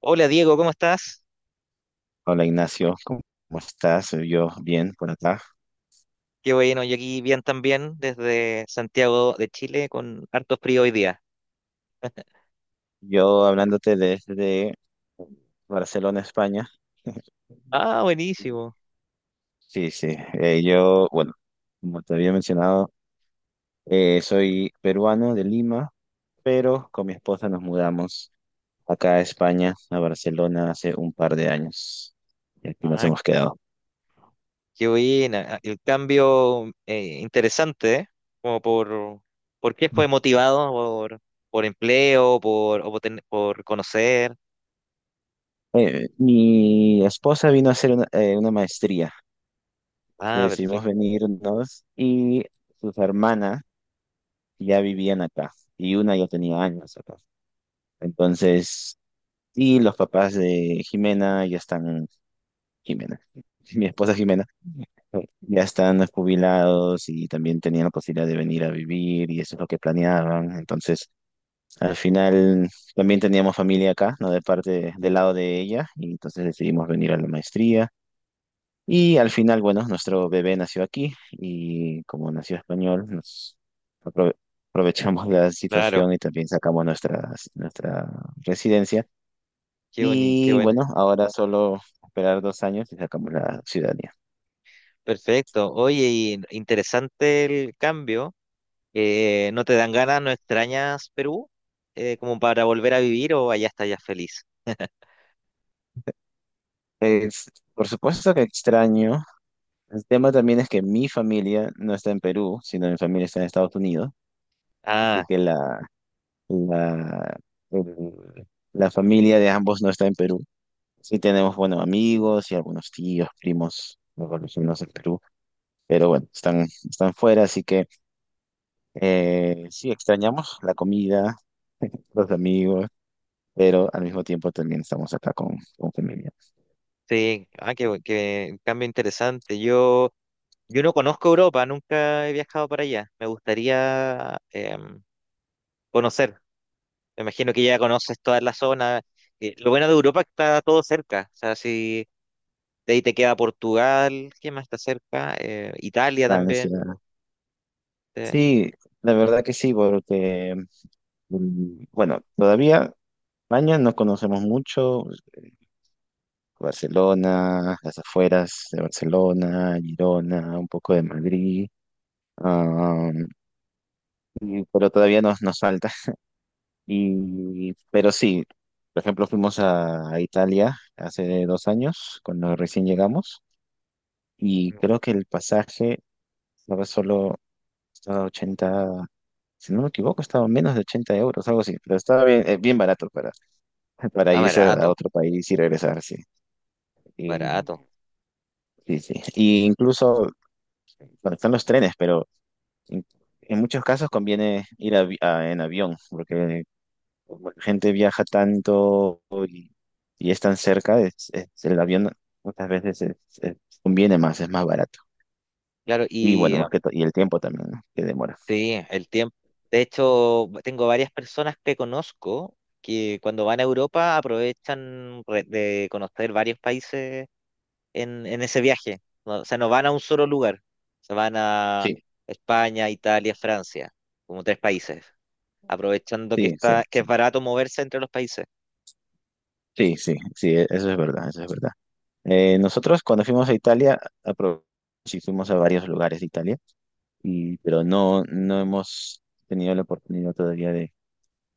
Hola Diego, ¿cómo estás? Hola Ignacio, ¿cómo estás? Yo bien por acá. Qué bueno, yo aquí bien también desde Santiago de Chile con harto frío hoy día. Yo hablándote desde Barcelona, España. Ah, Y- buenísimo. Sí, sí. Yo, bueno, como te había mencionado, soy peruano de Lima, pero con mi esposa nos mudamos acá a España, a Barcelona, hace un par de años. Y aquí nos Ah, hemos quedado. qué buena. Ah, el cambio interesante, ¿eh? Como por, ¿Por qué fue motivado? ¿Por empleo? ¿Por, o por, ten- por conocer? Mi esposa vino a hacer una maestría. Entonces Ah, decidimos perfecto. venirnos y sus hermanas ya vivían acá y una ya tenía años acá. Entonces, y los papás de Jimena ya están, Jimena, mi esposa Jimena, ya están jubilados y también tenían la posibilidad de venir a vivir y eso es lo que planeaban. Entonces, al final también teníamos familia acá, ¿no? De parte, del lado de ella y entonces decidimos venir a la maestría. Y al final, bueno, nuestro bebé nació aquí y como nació español, nos aprove- aprovechamos la Claro, situación y también sacamos nuestra residencia. Qué Y buena. bueno, ahora solo esperar 2 años y sacamos la ciudadanía. Perfecto. Oye, y interesante el cambio. ¿No te dan ganas? ¿No extrañas Perú? ¿Como para volver a vivir o allá estás ya feliz? Es, por supuesto que extraño. El tema también es que mi familia no está en Perú, sino mi familia está en Estados Unidos. Así Ah, que la, el- la familia de ambos no está en Perú. Sí tenemos buenos amigos y algunos tíos, primos, luego los vecinos del Perú, pero bueno, están fuera, así que sí extrañamos la comida, los amigos, pero al mismo tiempo también estamos acá con, familia. sí, ah, qué cambio interesante. Yo no conozco Europa, nunca he viajado para allá. Me gustaría conocer. Me imagino que ya conoces toda la zona. Lo bueno de Europa es que está todo cerca. O sea, si de ahí te queda Portugal, ¿qué más está cerca? Italia también. Francia. Eh, Sí, la verdad que sí, porque, bueno, todavía España no conocemos mucho, Barcelona, las afueras de Barcelona, Girona, un poco de Madrid. Ah, pero todavía nos falta. Y, pero sí, por ejemplo, fuimos a, Italia hace 2 años, cuando recién llegamos, y creo que el pasaje estaba solo, estaba 80 si no me equivoco, estaba menos de 80 euros, algo así, pero estaba bien, bien barato para, para ah, irse a barato, otro país y regresar, sí. Y, barato. sí, sí. Y incluso, bueno, están los trenes, pero en, en muchos casos conviene ir en avión, porque como la gente viaja tanto y, y es tan cerca, el avión muchas veces conviene más, es más barato. Claro, Y y bueno, más que todo, y el tiempo también, ¿no? Que demora. sí, el tiempo. De hecho, tengo varias personas que conozco que cuando van a Europa aprovechan de conocer varios países en ese viaje. O sea, no van a un solo lugar. Se van a Sí, España, Italia, Francia, como tres países, aprovechando sí, sí, que sí, es barato moverse entre los países. sí, sí, sí, eso es verdad, eso es verdad. Nosotros cuando fuimos a Italia, aprovechamos y fuimos a varios lugares de Italia, y, pero no, no hemos tenido la oportunidad todavía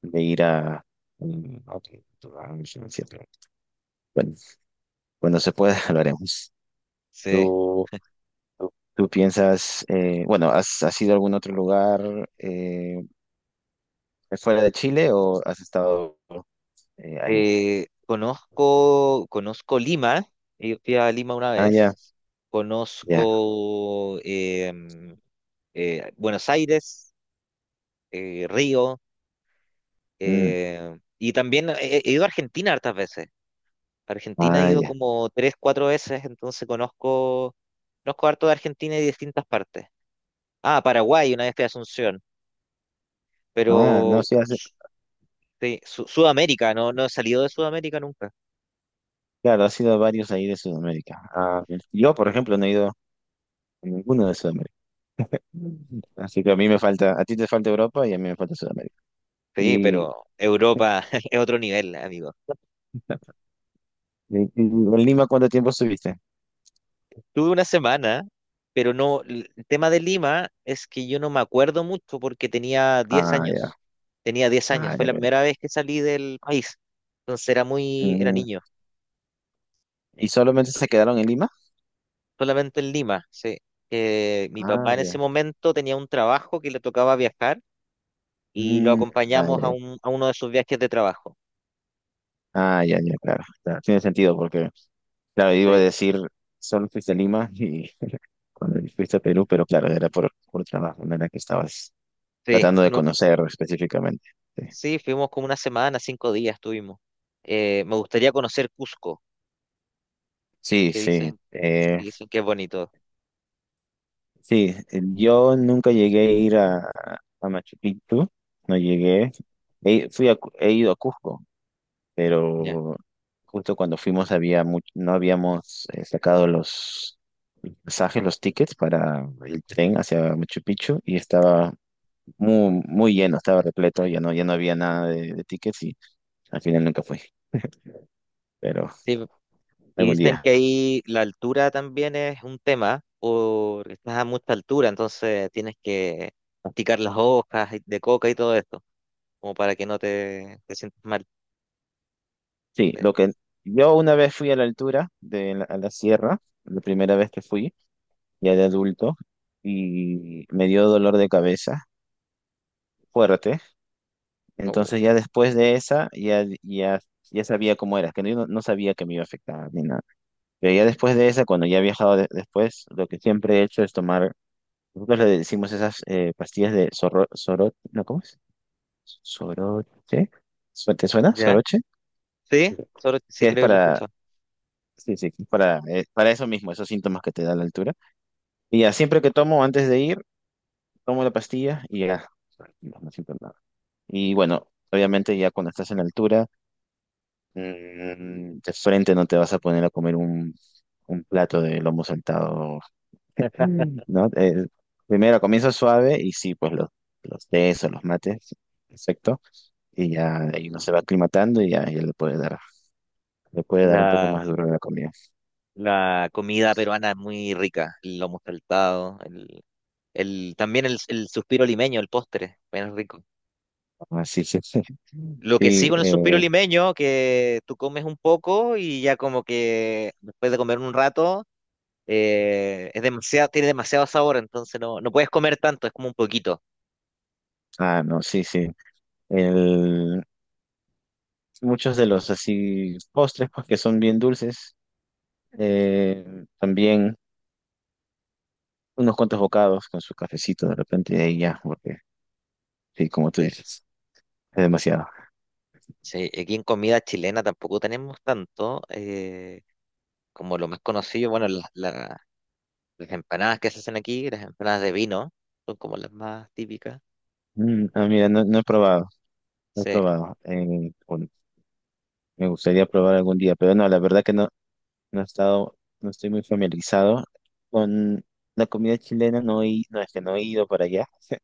de ir a a un sitio. Bueno, cuando se pueda, lo haremos. Sí. ¿Tú tú piensas, bueno, has ido a algún otro lugar fuera de Chile o has estado ahí? Conozco Lima. Yo fui a Lima una Ah, ya, vez. ya. Conozco Buenos Aires. Río, Mm, y también he ido a Argentina hartas veces. Argentina he ah, ido ya. como tres, cuatro veces, entonces conozco harto de Argentina y distintas partes. Ah, Paraguay, una vez fui a Asunción, Ah, no, pero sí, sí, Sudamérica, no, no he salido de Sudamérica nunca. claro, has ido a varios ahí de Sudamérica. Ah, yo, por Nun- ejemplo, no he ido a ninguno de Sudamérica. Mm. Así que a mí me falta, a ti te falta Europa y a mí me falta Sudamérica. Sí, ¿Y, y- pero Europa es otro nivel, amigo. y en Lima cuánto tiempo estuviste? Tuve una semana, pero no, el tema de Lima es que yo no me acuerdo mucho porque tenía diez Ah, ya, años. Tenía 10 años, ah, fue ya, la mira. primera vez que salí del país. Entonces era Mm, niño, ¿y solamente se quedaron en Lima? solamente en Lima, sí. Mi papá Ah, en ese ya. momento tenía un trabajo que le tocaba viajar y lo Mm, ah, acompañamos ya. A uno de sus viajes de trabajo. Ah, ya, ya, claro. Claro, tiene sentido porque, claro, iba a Sí, decir, solo fuiste a Lima y cuando fuiste a Perú, pero claro, era por trabajo, no era que estabas sí, tratando de no, conocer específicamente. sí, fuimos como una semana, 5 días estuvimos. Me gustaría conocer Cusco, Sí, que sí. Sí, dicen, que dicen que es bonito. sí, yo nunca llegué a ir a, Machu Picchu, no llegué. He ido a Cusco, Ya. pero justo cuando fuimos había no habíamos sacado los pasajes, los tickets para el tren hacia Machu Picchu y estaba muy, muy lleno, estaba repleto, ya no, ya no había nada de tickets y al final nunca fui, pero Sí, y algún dicen que día. ahí la altura también es un tema, porque estás a mucha altura, entonces tienes que masticar las hojas de coca y todo esto, como para que no te, te sientas mal. Sí, Sí. lo que yo una vez fui a la altura a la sierra, la primera vez que fui, ya de adulto, y me dio dolor de cabeza fuerte, Oh. entonces ya después de esa ya, ya, ya sabía cómo era, que no, yo no sabía que me iba a afectar ni nada. Pero ya después de esa, cuando ya he viajado después, lo que siempre he hecho es tomar, nosotros le decimos esas pastillas de zorro, sorot, ¿no? ¿Cómo es? Soroche. ¿Te suena? ¿Ya? Soroche. Sí, solo sí Que es creo que lo he para, escuchado. sí, sí, es para eso mismo, esos síntomas que te da la altura. Y ya, siempre que tomo antes de ir, tomo la pastilla y ya, tranquilo, no siento nada. Y bueno, obviamente ya cuando estás en altura, de frente no te vas a poner a comer un plato de lomo saltado, ¿no? Primero comienza suave y sí, pues los tés o los mates, perfecto. Y ya ahí uno se va aclimatando y ya, ya le puede dar un poco La, más duro a la comida. la comida peruana es muy rica, el lomo saltado, también el suspiro limeño, el postre, bien rico. Así que sí, Lo que sí sí, con el suspiro limeño, que tú comes un poco y ya como que después de comer un rato es demasiado, tiene demasiado sabor, entonces no, no puedes comer tanto, es como un poquito. ah, no, sí, sí. El, muchos de los así postres, pues que son bien dulces, también unos cuantos bocados con su cafecito de repente y ahí ya, porque sí, como tú Sí, dices, es demasiado. sí, aquí en comida chilena tampoco tenemos tanto, como lo más conocido, bueno, las empanadas que se hacen aquí, las empanadas de vino, son como las más típicas. Mm, ah, mira, no he probado, Sí, Bueno, me gustaría probar algún día, pero no, la verdad que no. No he estado, no estoy muy familiarizado con la comida chilena, no, no es que no he ido para allá,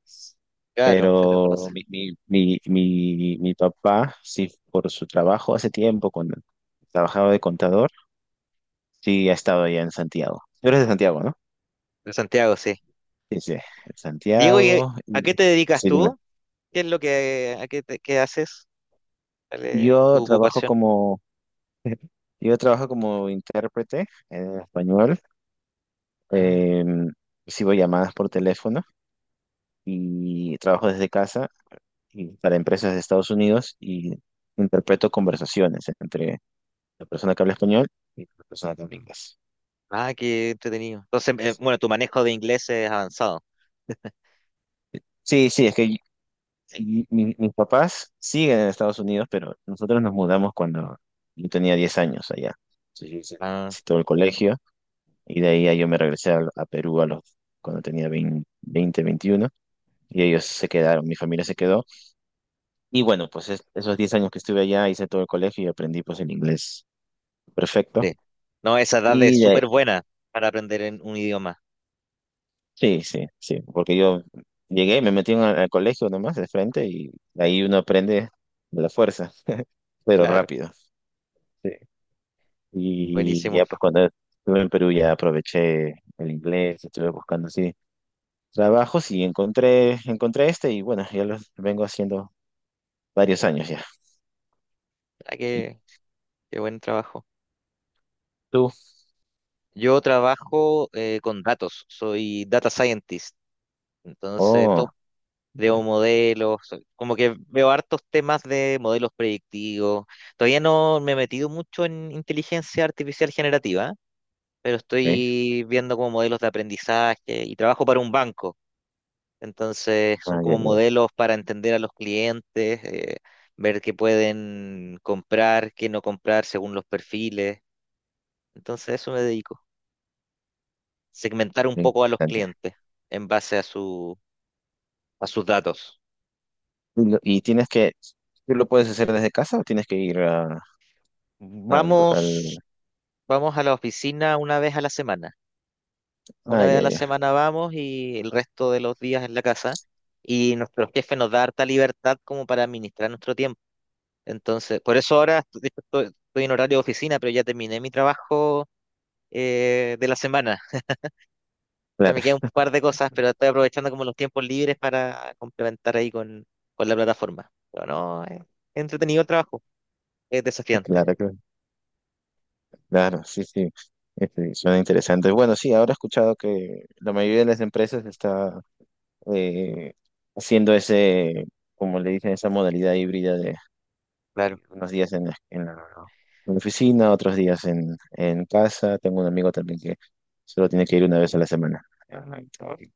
claro, se las conoce. pero mi papá, sí, por su trabajo hace tiempo, cuando trabajaba de contador, sí, ha estado allá en Santiago. Tú eres de Santiago, ¿no? De Santiago, sí. Sí, sí, en Diego, ¿y Santiago. a qué te dedicas Sí, dime. tú? ¿Qué es lo que, a qué, te- qué haces? ¿Cuál es Yo tu trabajo ocupación? como, yo trabajo como intérprete en español. Ah, Eh, recibo llamadas por teléfono y trabajo desde casa y para empresas de Estados Unidos y interpreto conversaciones entre la persona que habla español y la persona que habla inglés. ah, qué entretenido. Entonces, bueno, tu manejo de inglés es avanzado. Sí, sí, es que mis papás siguen en Estados Unidos, pero nosotros nos mudamos cuando yo tenía 10 años allá. Entonces yo hice Ah, hice todo el colegio y de ahí ya yo me regresé a, Perú cuando tenía 20 20 21 y ellos se quedaron, mi familia se quedó. Y bueno, pues esos 10 años que estuve allá hice todo el colegio y aprendí pues el inglés perfecto. sí. No, esa edad es Y de, súper buena para aprender en un idioma. Sí, sí, sí, porque yo llegué, me metí al colegio nomás de frente y ahí uno aprende de la fuerza, pero Claro, rápido. Sí. Y buenísimo. ya pues cuando estuve en Perú ya aproveché el inglés, estuve buscando así trabajos y encontré este y bueno, ya lo vengo haciendo varios años ya. Ah, ¿Y qué buen trabajo. tú? Yo trabajo con datos, soy data scientist, entonces Oh, creo ya, modelos, como que veo hartos temas de modelos predictivos. Todavía no me he metido mucho en inteligencia artificial generativa, pero ok, estoy viendo como modelos de aprendizaje y trabajo para un banco. Entonces, son bueno, ya, como ya, modelos para entender a los clientes, ver qué pueden comprar, qué no comprar según los perfiles. Entonces, a eso me dedico. Segmentar un ya, poco a los interesante. clientes en base a su, a sus datos. ¿Y tienes que, tú lo puedes hacer desde casa o tienes que ir al... Vamos, vamos a la oficina una vez a la semana. Una Ah, vez a ya, la ya, semana vamos y el resto de los días en la casa. Y nuestro jefe nos da harta libertad como para administrar nuestro tiempo. Entonces, por eso ahora de hecho, estoy en horario de oficina, pero ya terminé mi trabajo de la semana. O sea, me claro. quedan un par de cosas, pero estoy aprovechando como los tiempos libres para complementar ahí con la plataforma. Pero no, es entretenido el trabajo, es desafiante. Claro, claro. Claro, sí, sí, este, suena interesante. Bueno, sí, ahora he escuchado que la mayoría de las empresas está eh, haciendo ese, como le dicen, esa modalidad híbrida de Claro, unos días en la oficina, otros días en casa. Tengo un amigo también que solo tiene que ir una vez a la semana. Ajá, y-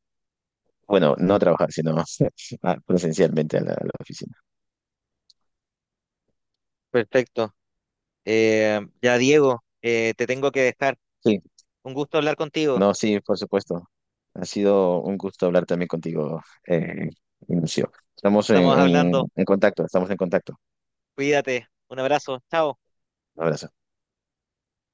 bueno, no trabajar, sino ah, presencialmente a la oficina. perfecto. Ya, Diego, te tengo que dejar. Sí, Un gusto hablar contigo. no, sí, por supuesto. Ha sido un gusto hablar también contigo, Ignacio. Estamos Estamos hablando. En contacto, estamos en contacto. Cuídate. Un abrazo. Chao. Un abrazo.